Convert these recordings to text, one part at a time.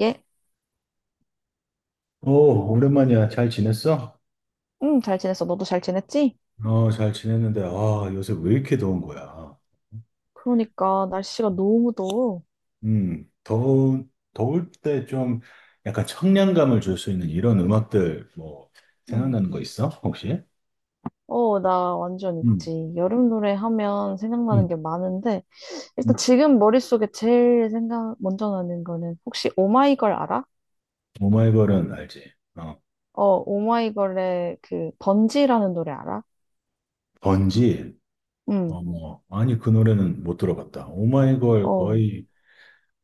예? 오, 오랜만이야. 잘 지냈어? 응, 잘 지냈어. 너도 잘 지냈지? 어, 잘 지냈는데, 아, 요새 왜 이렇게 더운 거야? 그러니까 날씨가 너무 더워. 더울 때 좀 약간 청량감을 줄 수 있는 이런 음악들 뭐 응. 생각나는 거 있어? 혹시? 나 완전 음, 있지. 여름 노래 하면 생각나는 음, 게 많은데 일단 음. 지금 머릿속에 제일 생각 먼저 나는 거는 혹시 오마이걸 알아? 오마이걸은 알지? 어, 오마이걸의 그 번지라는 노래 알아? 번지? 응. 어, 뭐, 아니, 그 노래는 못 들어봤다. 오마이걸 어. 거의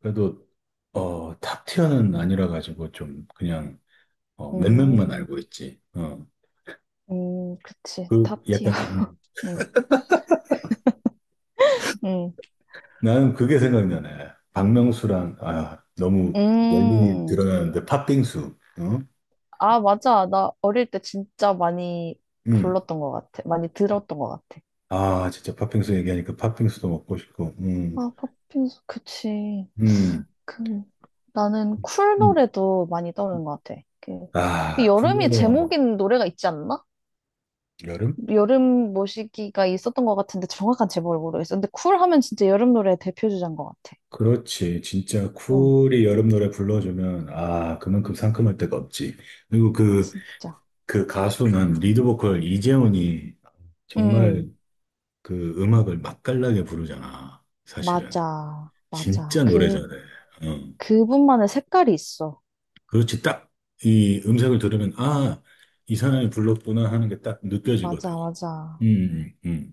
그래도 어, 탑 티어는 아니라 가지고 좀 그냥 어, 몇몇만 음. 알고 있지. 어, 그치. 그 탑티어. 약간 응. 응. 나는 그게 생각나네. 박명수랑, 아, 너무 연륜이 음. 드러나는데, 팥빙수. 응? 아, 맞아. 나 어릴 때 진짜 많이 응. 불렀던 것 같아. 많이 들었던 것 같아. 아, 진짜 팥빙수 얘기하니까 팥빙수도 먹고 싶고, 아, 팝핀스, 그치. 음. 그, 나는 쿨 음. 노래도 많이 떠오르는 것 같아. 그, 그 아, 여름이 쿨보다 제목인 노래가 있지 않나? 여름? 여름 모시기가 있었던 것 같은데 정확한 제목을 모르겠어. 근데 쿨 하면 진짜 여름 노래의 대표주자인 것 같아. 그렇지. 진짜 응, 쿨이 여름 노래 불러주면, 아, 그만큼 상큼할 데가 없지. 그리고 그, 진짜. 그 가수는 리드 보컬 이재훈이 응, 정말 응. 그 음악을 맛깔나게 부르잖아. 사실은. 맞아, 맞아. 진짜 노래 그, 잘해. 어. 그분만의 색깔이 있어. 그렇지. 딱 이 음색을 들으면, 아, 이 사람이 불렀구나 하는 게 딱 느껴지거든. 맞아, 맞아. 음, 음.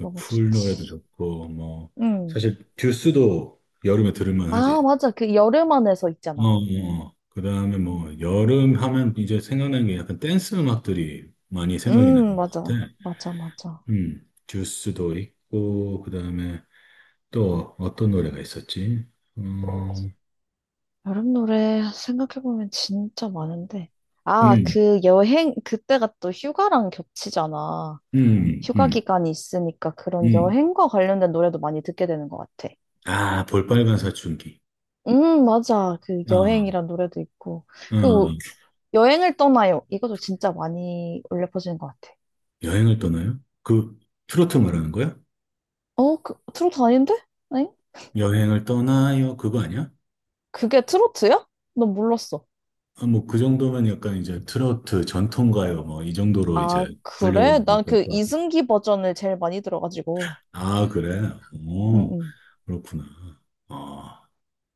너무 쿨 노래도 좋지. 좋고, 뭐, 응. 사실 듀스도 여름에 들을만 아, 하지. 맞아. 그 여름 안에서 어, 있잖아. 어. 그 다음에 뭐, 여름 하면 이제 생각나는 게 약간 댄스 음악들이 많이 생각이 나는 것 같아. 맞아. 맞아, 맞아. 듀스도 있고, 그 다음에 또 어떤 노래가 있었지? 어, 여름 노래 생각해보면 진짜 많은데. 아, 음, 그 여행, 그때가 또 휴가랑 겹치잖아. 음, 휴가 음, 기간이 있으니까 그런 음. 여행과 관련된 노래도 많이 듣게 되는 것 같아. 아, 볼빨간 사춘기. 맞아. 그 아, 여행이란 노래도 있고. 어, 그리고 여행을 떠나요. 이것도 진짜 많이 울려 퍼지는 것 같아. 여행을 떠나요? 그 트로트 말하는 거야? 어, 그, 트로트 아닌데? 아니? 여행을 떠나요? 그거 아니야? 그게 트로트야? 난 몰랐어. 아, 뭐 그 정도면 약간 이제 트로트 전통가요 뭐 이 정도로 이제 아, 그래? 난 분류될 그 거야. 이승기 버전을 제일 많이 들어가지고. 아, 그래? 응, 오, 응. 그렇구나. 아,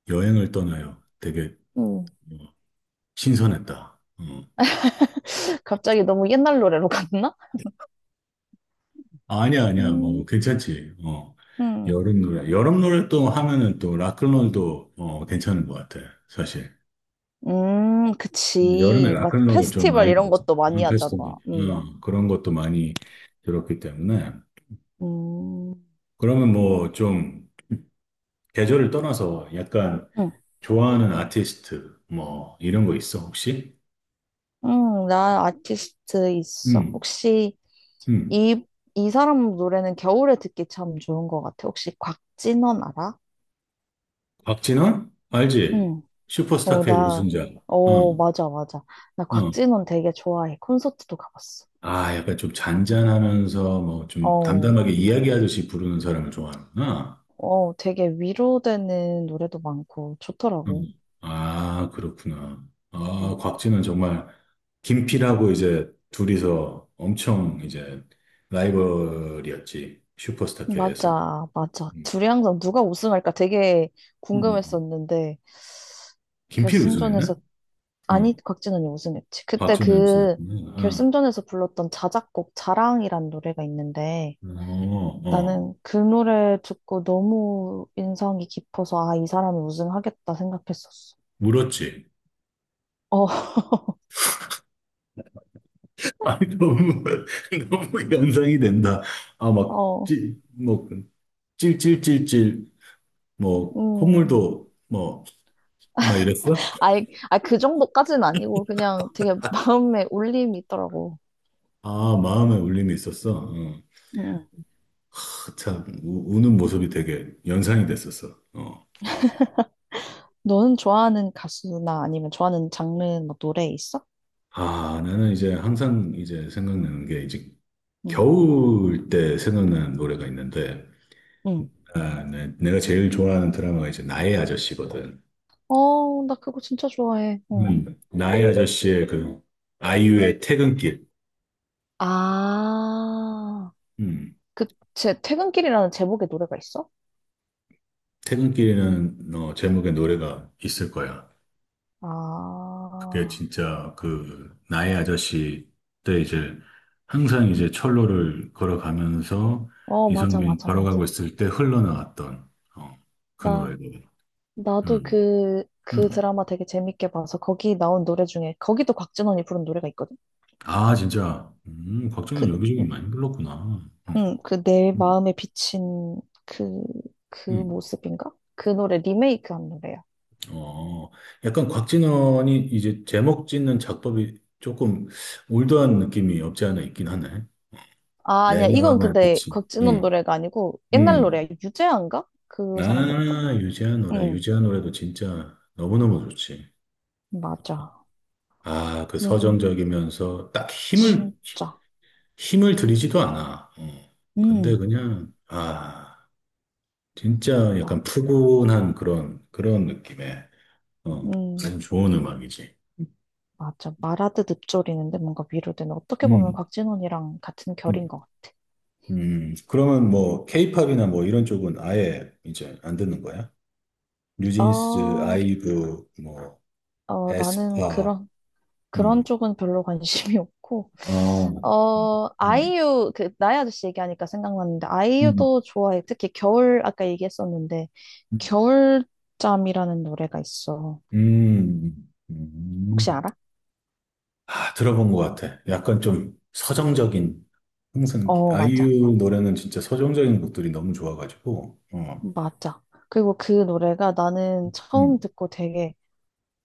여행을 떠나요. 되게 응. 어, 신선했다. 어. 갑자기 너무 옛날 노래로 갔나? 아니야, 아니야, 뭐 음, 괜찮지. 어, 음, 여름 노래 여름 노래 또 하면은 또 락클롤도 어, 괜찮은 것 같아 사실. 여름에 그치. 막 락클락을 좀 페스티벌 많이 이런 들었죠. 것도 많이 이런 페스티벌. 하잖아. 그런 것도 많이 들었기 때문에. 음, 그러면 뭐 좀 계절을 떠나서 약간 음, 좋아하는 아티스트 뭐 이런 거 있어 혹시? 나 아티스트 있어. 음, 혹시 음. 이, 이 사람 노래는 겨울에 듣기 참 좋은 것 같아. 혹시 곽진원 알아? 박진원? 알지? 응. 슈퍼스타 어, K 나, 우승자. 어, 어, 맞아, 맞아. 나 어. 곽진원 되게 좋아해. 콘서트도 가봤어. 아, 약간 좀 잔잔하면서 뭐 좀 어, 담담하게 이야기하듯이 부르는 사람을 좋아하는구나. 어, 되게 위로되는 노래도 많고 좋더라고. 음. 아, 그렇구나. 아, 음. 곽진은 정말 김필하고 이제 둘이서 엄청 이제 라이벌이었지. 슈퍼스타K에서. 음. 맞아, 맞아. 음, 둘이 항상 누가 우승할까 되게 음. 궁금했었는데, 김필 우승했나? 결승전에서, 응. 아니, 곽진원이 우승했지. 그때 곽진은 그 우승했구나. 결승전에서 불렀던 자작곡 자랑이란 노래가 있는데, 응. 어, 어. 나는 그 노래 듣고 너무 인상이 깊어서, 아, 이 사람이 우승하겠다 생각했었어. 울었지. 어, 아니, 너무, 너무 연상이 된다. 아, 막, 어, 뭐, 찔찔찔찔, 뭐, 음. 콧물도, 뭐, 막 이랬어? 아이, 아, 그 정도까지는 아니고, 그냥 되게 마음에 울림이 있더라고. 아, 마음에 울림이 있었어. 어. 음. 참, 우는 모습이 되게 연상이 됐었어. 어. 너는 좋아하는 가수나 아니면 좋아하는 장르 뭐 노래 있어? 아, 나는 이제 항상 이제 생각나는 게 이제 응. 겨울 때 생각나는 노래가 있는데, 응. 아, 내가 제일 좋아하는 드라마가 이제 나의 아저씨거든. 어, 나 그거 진짜 좋아해. 어. 나의 아저씨의 그 아이유의 퇴근길. 아, 음, 그, 제 퇴근길이라는 제목의 노래가 있어? 퇴근길이라는 어, 제목의 노래가 있을 거야. 그게 아, 진짜 그 나의 아저씨 때 이제 항상 이제 철로를 걸어가면서 어, 맞아, 이선균이 맞아, 걸어가고 맞아. 있을 때 흘러나왔던 어, 그 나, 노래들. 나도 음, 그, 그 음. 드라마 되게 재밌게 봐서 거기 나온 노래 중에, 거기도 곽진원이 부른 노래가 있거든? 아, 진짜 그, 곽진원 여기저기 많이 불렀구나. 응, 그 내 음, 마음에 비친 그, 그 음. 모습인가? 그 노래 리메이크한 노래야. 어, 약간 곽진원이 이제 제목 짓는 작법이 조금 올드한 느낌이 없지 않아 있긴 하네. 아, 내 아니야. 이건 마음의 근데 빛이. 곽진원 노래가 아니고 옛날 음. 노래야. 유재하인가? 그 사람 노래일까? 아, 유재한 노래. 응. 유재한 노래도 진짜 너무너무 좋지. 맞아. 아, 그 그리고 서정적이면서 딱 힘을, 진짜. 힘을 들이지도 않아. 어. 근데 음, 그냥, 아, 진짜 약간 맞아. 푸근한 그런, 그런 느낌의, 어, 아주 음, 좋은 음악이지. 맞아. 말하듯 읊조리는데 뭔가 위로되는. 어떻게 보면 음, 곽진원이랑 같은 결인 음, 것 그러면 뭐, 케이팝이나 뭐 이런 쪽은 아예 이제 안 듣는 거야? 같아. 뉴진스, 어, 아이브, 뭐, 어, 나는 에스파, 그런 그런 음, 쪽은 별로 관심이 없고, 어, 어, 음, 아이유, 그, 나의 아저씨 얘기하니까 생각났는데, 음. 아이유도 좋아해. 특히 겨울, 아까 얘기했었는데, 음. 겨울잠이라는 노래가 있어. 음, 혹시 음. 알아? 아, 들어본 것 같아. 약간 좀 서정적인, 항상 어, 맞아. 아이유 노래는 진짜 서정적인 곡들이 너무 좋아가지고, 어, 맞아. 그리고 그 노래가 나는 처음 음. 듣고 되게,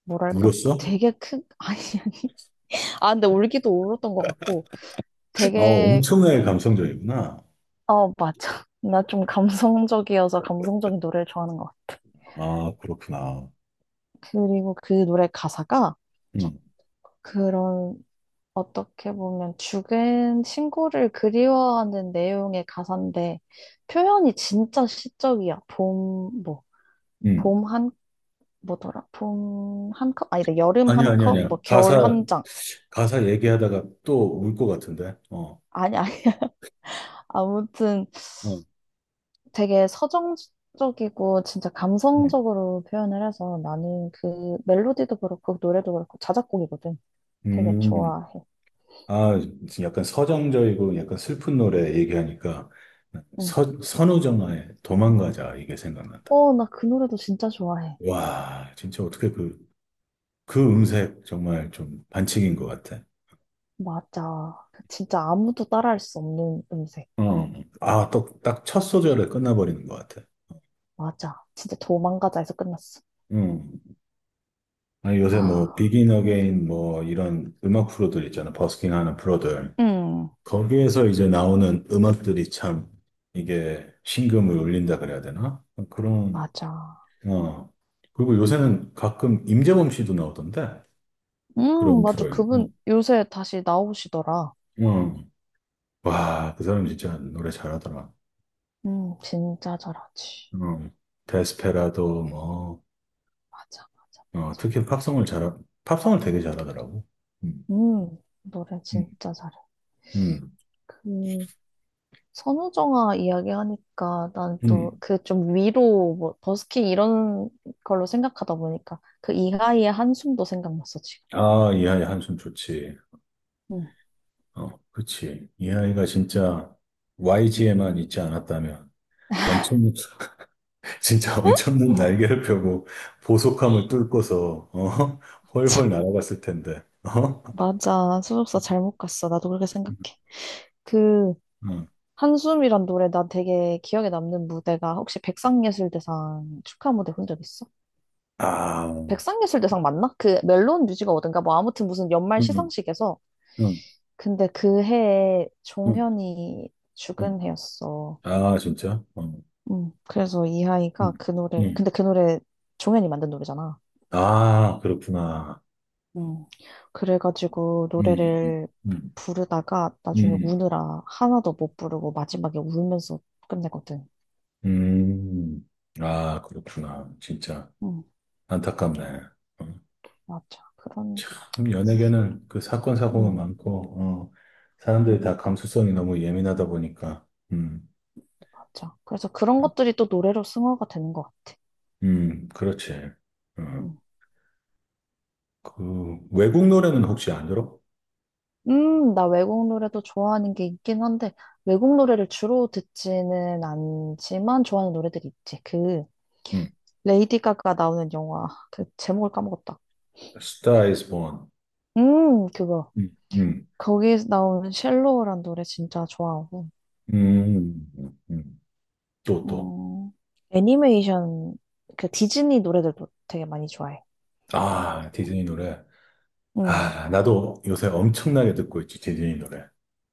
뭐랄까, 울었어? 되게 큰, 아니, 아니. 아, 근데 울기도 울었던 것 같고, 아, 되게, 엄청나게 감성적이구나. 어, 맞아. 나 좀 감성적이어서 감성적인 노래를 좋아하는 것 같아. 아, 그렇구나. 그리고 그 노래 가사가, 음, 그런 어떻게 보면 죽은 친구를 그리워하는 내용의 가사인데 표현이 진짜 시적이야. 봄, 뭐, 음. 봄 한, 뭐더라? 봄 한 컵? 아니다. 여름 아니야, 한 아니야, 컵? 아니야. 뭐, 겨울 가사, 한 장. 가사 얘기하다가 또 울 것 같은데, 어, 아니, 아니. 아무튼 어, 되게 서정적이고 진짜 음. 감성적으로 표현을 해서 나는 그 멜로디도 그렇고 노래도 그렇고 자작곡이거든. 되게 음. 좋아해. 아, 지금 약간 서정적이고 약간 슬픈 노래 얘기하니까 응. 선우정아의 도망가자 이게 생각난다. 어, 나 그 노래도 진짜 좋아해. 와, 진짜 어떻게 그, 그 음색 정말 좀 반칙인 것 같아. 맞아. 진짜 아무도 따라할 수 없는 음색. 어. 아, 또, 딱 첫 소절에 끝나버리는 것 같아. 맞아. 진짜 도망가자에서 끝났어. 음. 아니, 요새 뭐, 아, 비긴 어게인 뭐, 이런 음악 프로들 있잖아. 버스킹 하는 프로들. 음, 거기에서 이제 나오는 음악들이 참, 이게 심금을 울린다 그래야 되나? 그런 맞아. 어. 그리고 요새는 가끔 임재범 씨도 나오던데. 그런 맞아. 프로에. 어. 그분 요새 다시 나오시더라. 어. 와, 그 사람 진짜 노래 잘하더라. 진짜 잘하지. 어. 데스페라도 뭐, 맞아, 맞아, 어, 맞아. 특히 팝송을 잘, 팝송을 되게 잘하더라고. 음, 노래 음, 진짜 잘해. 음, 그, 선우정아 이야기하니까 난 또 음. 그 좀 위로 뭐 버스킹 이런 걸로 생각하다 보니까 그 이하이의 한숨도 생각났어, 지금. 아, 이 아이 한숨 좋지. 음. 어, 그치. 이 아이가 진짜 YG에만 있지 않았다면 엄청, 진짜 엄청난 날개를 펴고 보속함을 뚫고서, 어, 훨훨 날아갔을 텐데. 어? 맞아. 소속사 잘못 갔어. 나도 그렇게 생각해. 그 음. 한숨이란 노래 나 되게 기억에 남는 무대가 혹시 백상예술대상 축하 무대 본 적 있어? 아, 백상예술대상 맞나? 그 멜론 뮤직 어든가 뭐 아무튼 무슨 연말 음, 시상식에서 음, 근데 그 해에 음. 종현이 죽은 음. 해였어. 아, 진짜? 어. 음. 그래서 음, 이하이가 그 노래 음. 근데 그 노래 종현이 만든 노래잖아. 아, 그렇구나. 음, 그래가지고 음, 노래를 음, 부르다가 나중에 음, 우느라 하나도 못 부르고 마지막에 울면서 끝내거든. 음. 아, 그렇구나. 진짜 음, 안타깝네. 어. 맞아. 그런, 참, 연예계는 그 사건, 사고가 음, 많고, 어, 사람들이 다 그러니까. 감수성이 너무 예민하다 보니까, 음, 맞아. 그래서 그런 음, 것들이 또 노래로 승화가 되는 것 같아. 그렇지. 어. 음, 그, 외국 노래는 혹시 안 들어? 나 외국 노래도 좋아하는 게 있긴 한데, 외국 노래를 주로 듣지는 않지만 좋아하는 노래들이 있지. 그, 음. 레이디 가가 나오는 영화, 그 제목을 까먹었다. Star is Born. 그거. 음. 음. 거기에서 나오는 쉘로우란 노래 진짜 좋아하고, 음, 음, 음. 또, 또. 음, 애니메이션, 그 디즈니 노래들도 되게 많이 좋아해. 아, 디즈니 노래. 응, 아, 나도 요새 엄청나게 듣고 있지, 디즈니 노래.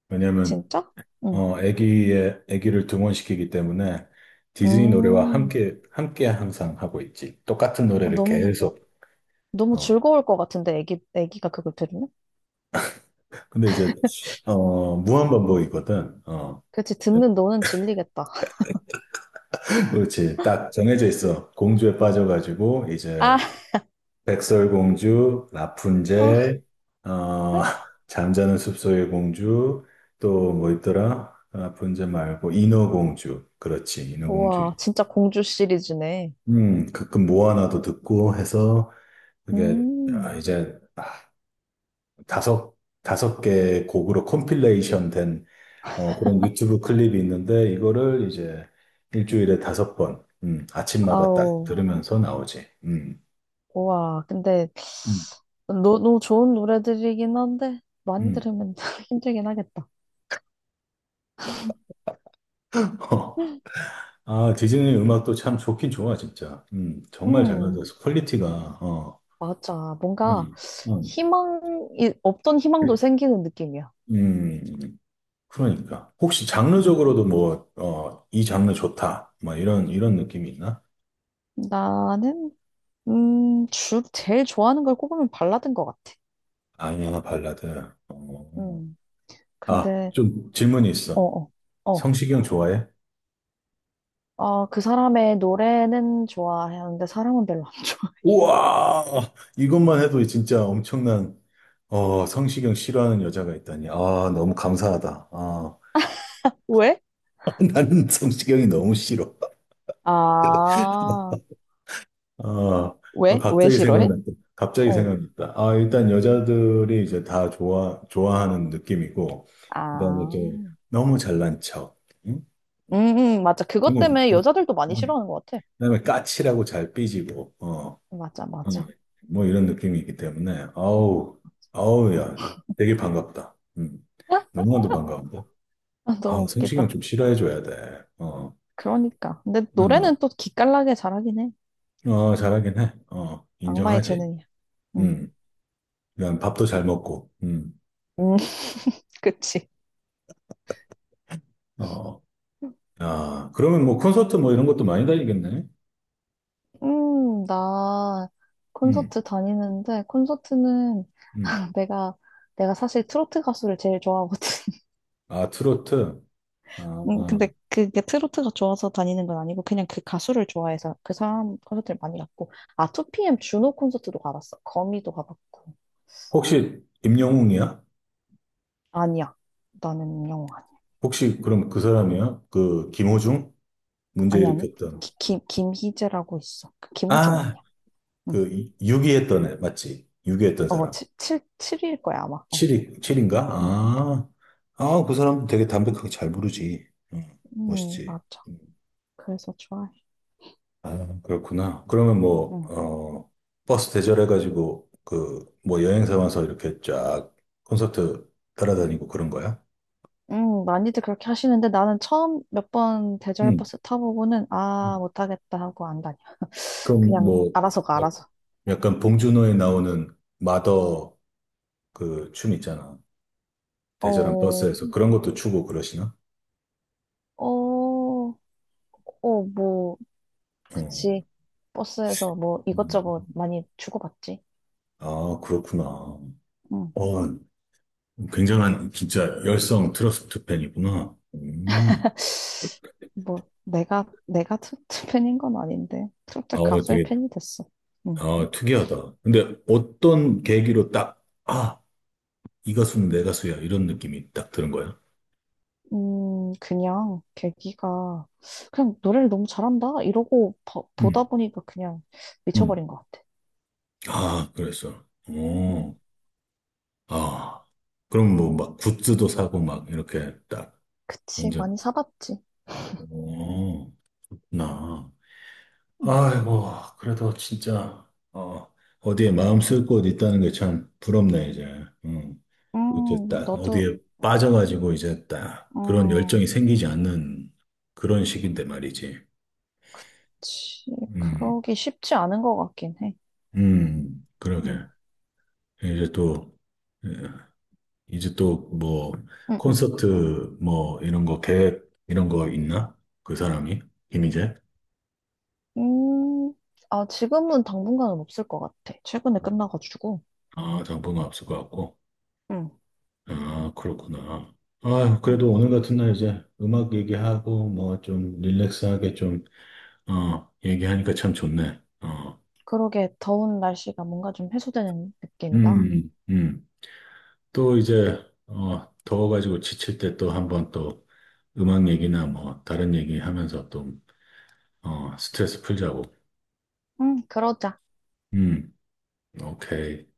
왜냐면, 진짜? 응. 어, 애기를 등원시키기 때문에 디즈니 노래와 음, 함께 항상 하고 있지. 똑같은 어, 노래를 너무, 계속. 너무 어. 즐거울 것 같은데, 애기, 애기가 그걸 들으면? 근데 이제, 어, 무한반복이거든. 어. 그치, 듣는 너는 질리겠다. 그렇지. 딱 정해져 있어. 공주에 빠져가지고, 이제, 아, 백설공주, 아, 라푼젤, 어, 잠자는 숲속의 공주, 또 뭐 있더라? 라푼젤 말고 인어공주, 그렇지, 인어공주. 우와, 진짜 공주 시리즈네. 가끔 모아나도 듣고 해서 그게 아, 음, 이제 아, 다섯 5개 곡으로 컴필레이션 된 어, 그런 유튜브 클립이 있는데 이거를 이제 일주일에 5번, 아침마다 딱 아우, 들으면서 나오지. 우와, 근데, 음, 너, 너무 좋은 노래들이긴 한데, 많이 음. 들으면 힘들긴 하겠다. 아, 디즈니 음악도 참 좋긴 좋아, 진짜. 정말 잘 음. 만들어서 퀄리티가, 어, 맞아. 뭔가 음, 음, 희망이, 없던 희망도 생기는 느낌이야. 음, 그러니까. 혹시 음. 장르적으로도 뭐, 어, 이 장르 좋다. 뭐, 이런, 이런 느낌이 있나? 나는, 주, 제일 좋아하는 걸 꼽으면 발라드인 것 같아. 아니야, 발라드. 어, 뭐. 음. 아, 근데, 좀 질문이 어, 있어. 어, 어. 성시경 좋아해? 아, 그 사람의 노래는 좋아하는데 사람은 별로 안 좋아. 우와! 이것만 해도 진짜 엄청난, 어, 성시경 싫어하는 여자가 있다니. 아, 너무 감사하다. 아, 왜? 나는 성시경이 너무 싫어. 아, 아, 아, 왜? 왜 갑자기 싫어해? 생각났다. 갑자기 어. 생각났다. 아, 일단 여자들이 이제 다 좋아하는 느낌이고, 그다음에 아, 이제 너무 잘난 척, 응? 맞아. 그것 때문에 그리고 여자들도 많이 싫어하는 것 같아. 그다음에 까칠하고 잘 삐지고, 어, 맞아, 어, 맞아. 뭐 이런 느낌이기 때문에, 아우, 아우, 야, 되게 반갑다. 너무나도 반가운데. 아, 너무 아, 성시경 웃기다. 좀 싫어해줘야 돼. 어, 그러니까. 근데 노래는 또 기깔나게 잘하긴 해. 응. 어, 잘하긴 해. 어, 악마의 인정하지. 재능이야. 응. 음, 그냥 밥도 잘 먹고, 음, 그치. 어, 아, 그러면 뭐 콘서트 뭐 이런 것도 많이 다니겠네. 나 음, 콘서트 다니는데, 콘서트는 음. 내가, 내가 사실 트로트 가수를 제일 좋아하거든. 아, 트로트. 아, 아. 근데 그게 트로트가 좋아서 다니는 건 아니고, 그냥 그 가수를 좋아해서 그 사람 콘서트를 많이 갔고, 아, 2PM 준호 콘서트도 가봤어. 거미도 가봤고. 혹시 임영웅이야? 아니야. 나는 영호 아니야. 혹시 그럼 그 사람이야? 그 김호중? 문제 아니, 아니. 일으켰던. 기, 김, 김희재라고 있어. 그 김우중 아, 아니야. 응. 그 유기했던 애, 맞지? 유기했던 어, 사람. 7, 77일 거야, 아마. 어. 7위, 7인가? 응. 아, 아, 그 사람 되게 담백하게 잘 부르지. 응, 멋있지. 맞아. 음. 그래서 좋아해. 아, 그렇구나. 그러면 뭐, 응. 어, 버스 대절해가지고, 그, 뭐 여행사 와서 이렇게 쫙 콘서트 따라다니고 그런 거야? 응, 많이들 그렇게 하시는데 나는 처음 몇 번 대절 응. 버스 타보고는 아, 못하겠다 하고 안 다녀. 그럼 그냥 뭐, 알아서 가, 알아서. 약간 봉준호에 나오는 마더 그 춤 있잖아. 대절한 어, 버스에서 그런 것도 추고 그러시나? 어, 어, 뭐, 어. 그치. 버스에서 뭐 음. 이것저것 많이 주고받지. 아, 그렇구나. 어, 응. 굉장한 진짜 열성 트러스트 팬이구나. 음. 뭐, 내가 트로트 팬인 건 아닌데. 트로트 어, 가수의 되게 팬이 됐어. 응. 아, 특이하다. 근데 어떤 계기로 딱, 아, 이 가수는 내 가수야. 이런 느낌이 딱 드는 거야. 그냥 계기가 그냥 노래를 너무 잘한다 이러고 봐- 음. 보다 보니까 그냥 음. 미쳐버린 것 같아. 아, 그랬어. 음, 어, 아. 그럼 뭐 막 굿즈도 사고 막 이렇게 딱 그치, 완전, 많이 사봤지. 어, 나. 음, 아이고, 그래도 진짜, 어, 어디에 마음 쓸 곳 있다는 게 참 부럽네, 이제. 응. 이렇게 딱 너도 어디에 빠져가지고 이제 딱 그런 열정이 음, 생기지 않는 그런 시기인데 말이지. 그치 음. 그러기 쉽지 않은 것 같긴 해. 그러게. 음, 이제 또, 예, 이제 또 뭐, 음 콘서트 뭐, 이런 거 계획, 이런 거 있나? 그 사람이? 김희재? 음, 음, 아, 지금은 당분간은 없을 것 같아. 최근에 끝나가지고 아, 당분간 없을 것 같고. 음, 아, 그렇구나. 아, 음, 그래도 오늘 같은 날 이제 음악 얘기하고 뭐 좀 릴렉스하게 좀, 어, 얘기하니까 참 좋네. 어, 그러게, 더운 날씨가 뭔가 좀 해소되는 느낌이다. 음, 음. 또 이제, 어, 더워가지고 지칠 때 또 한번 또 음악 얘기나 뭐 다른 얘기 하면서 또 어, 스트레스 풀자고. 그러자. 음, 오케이.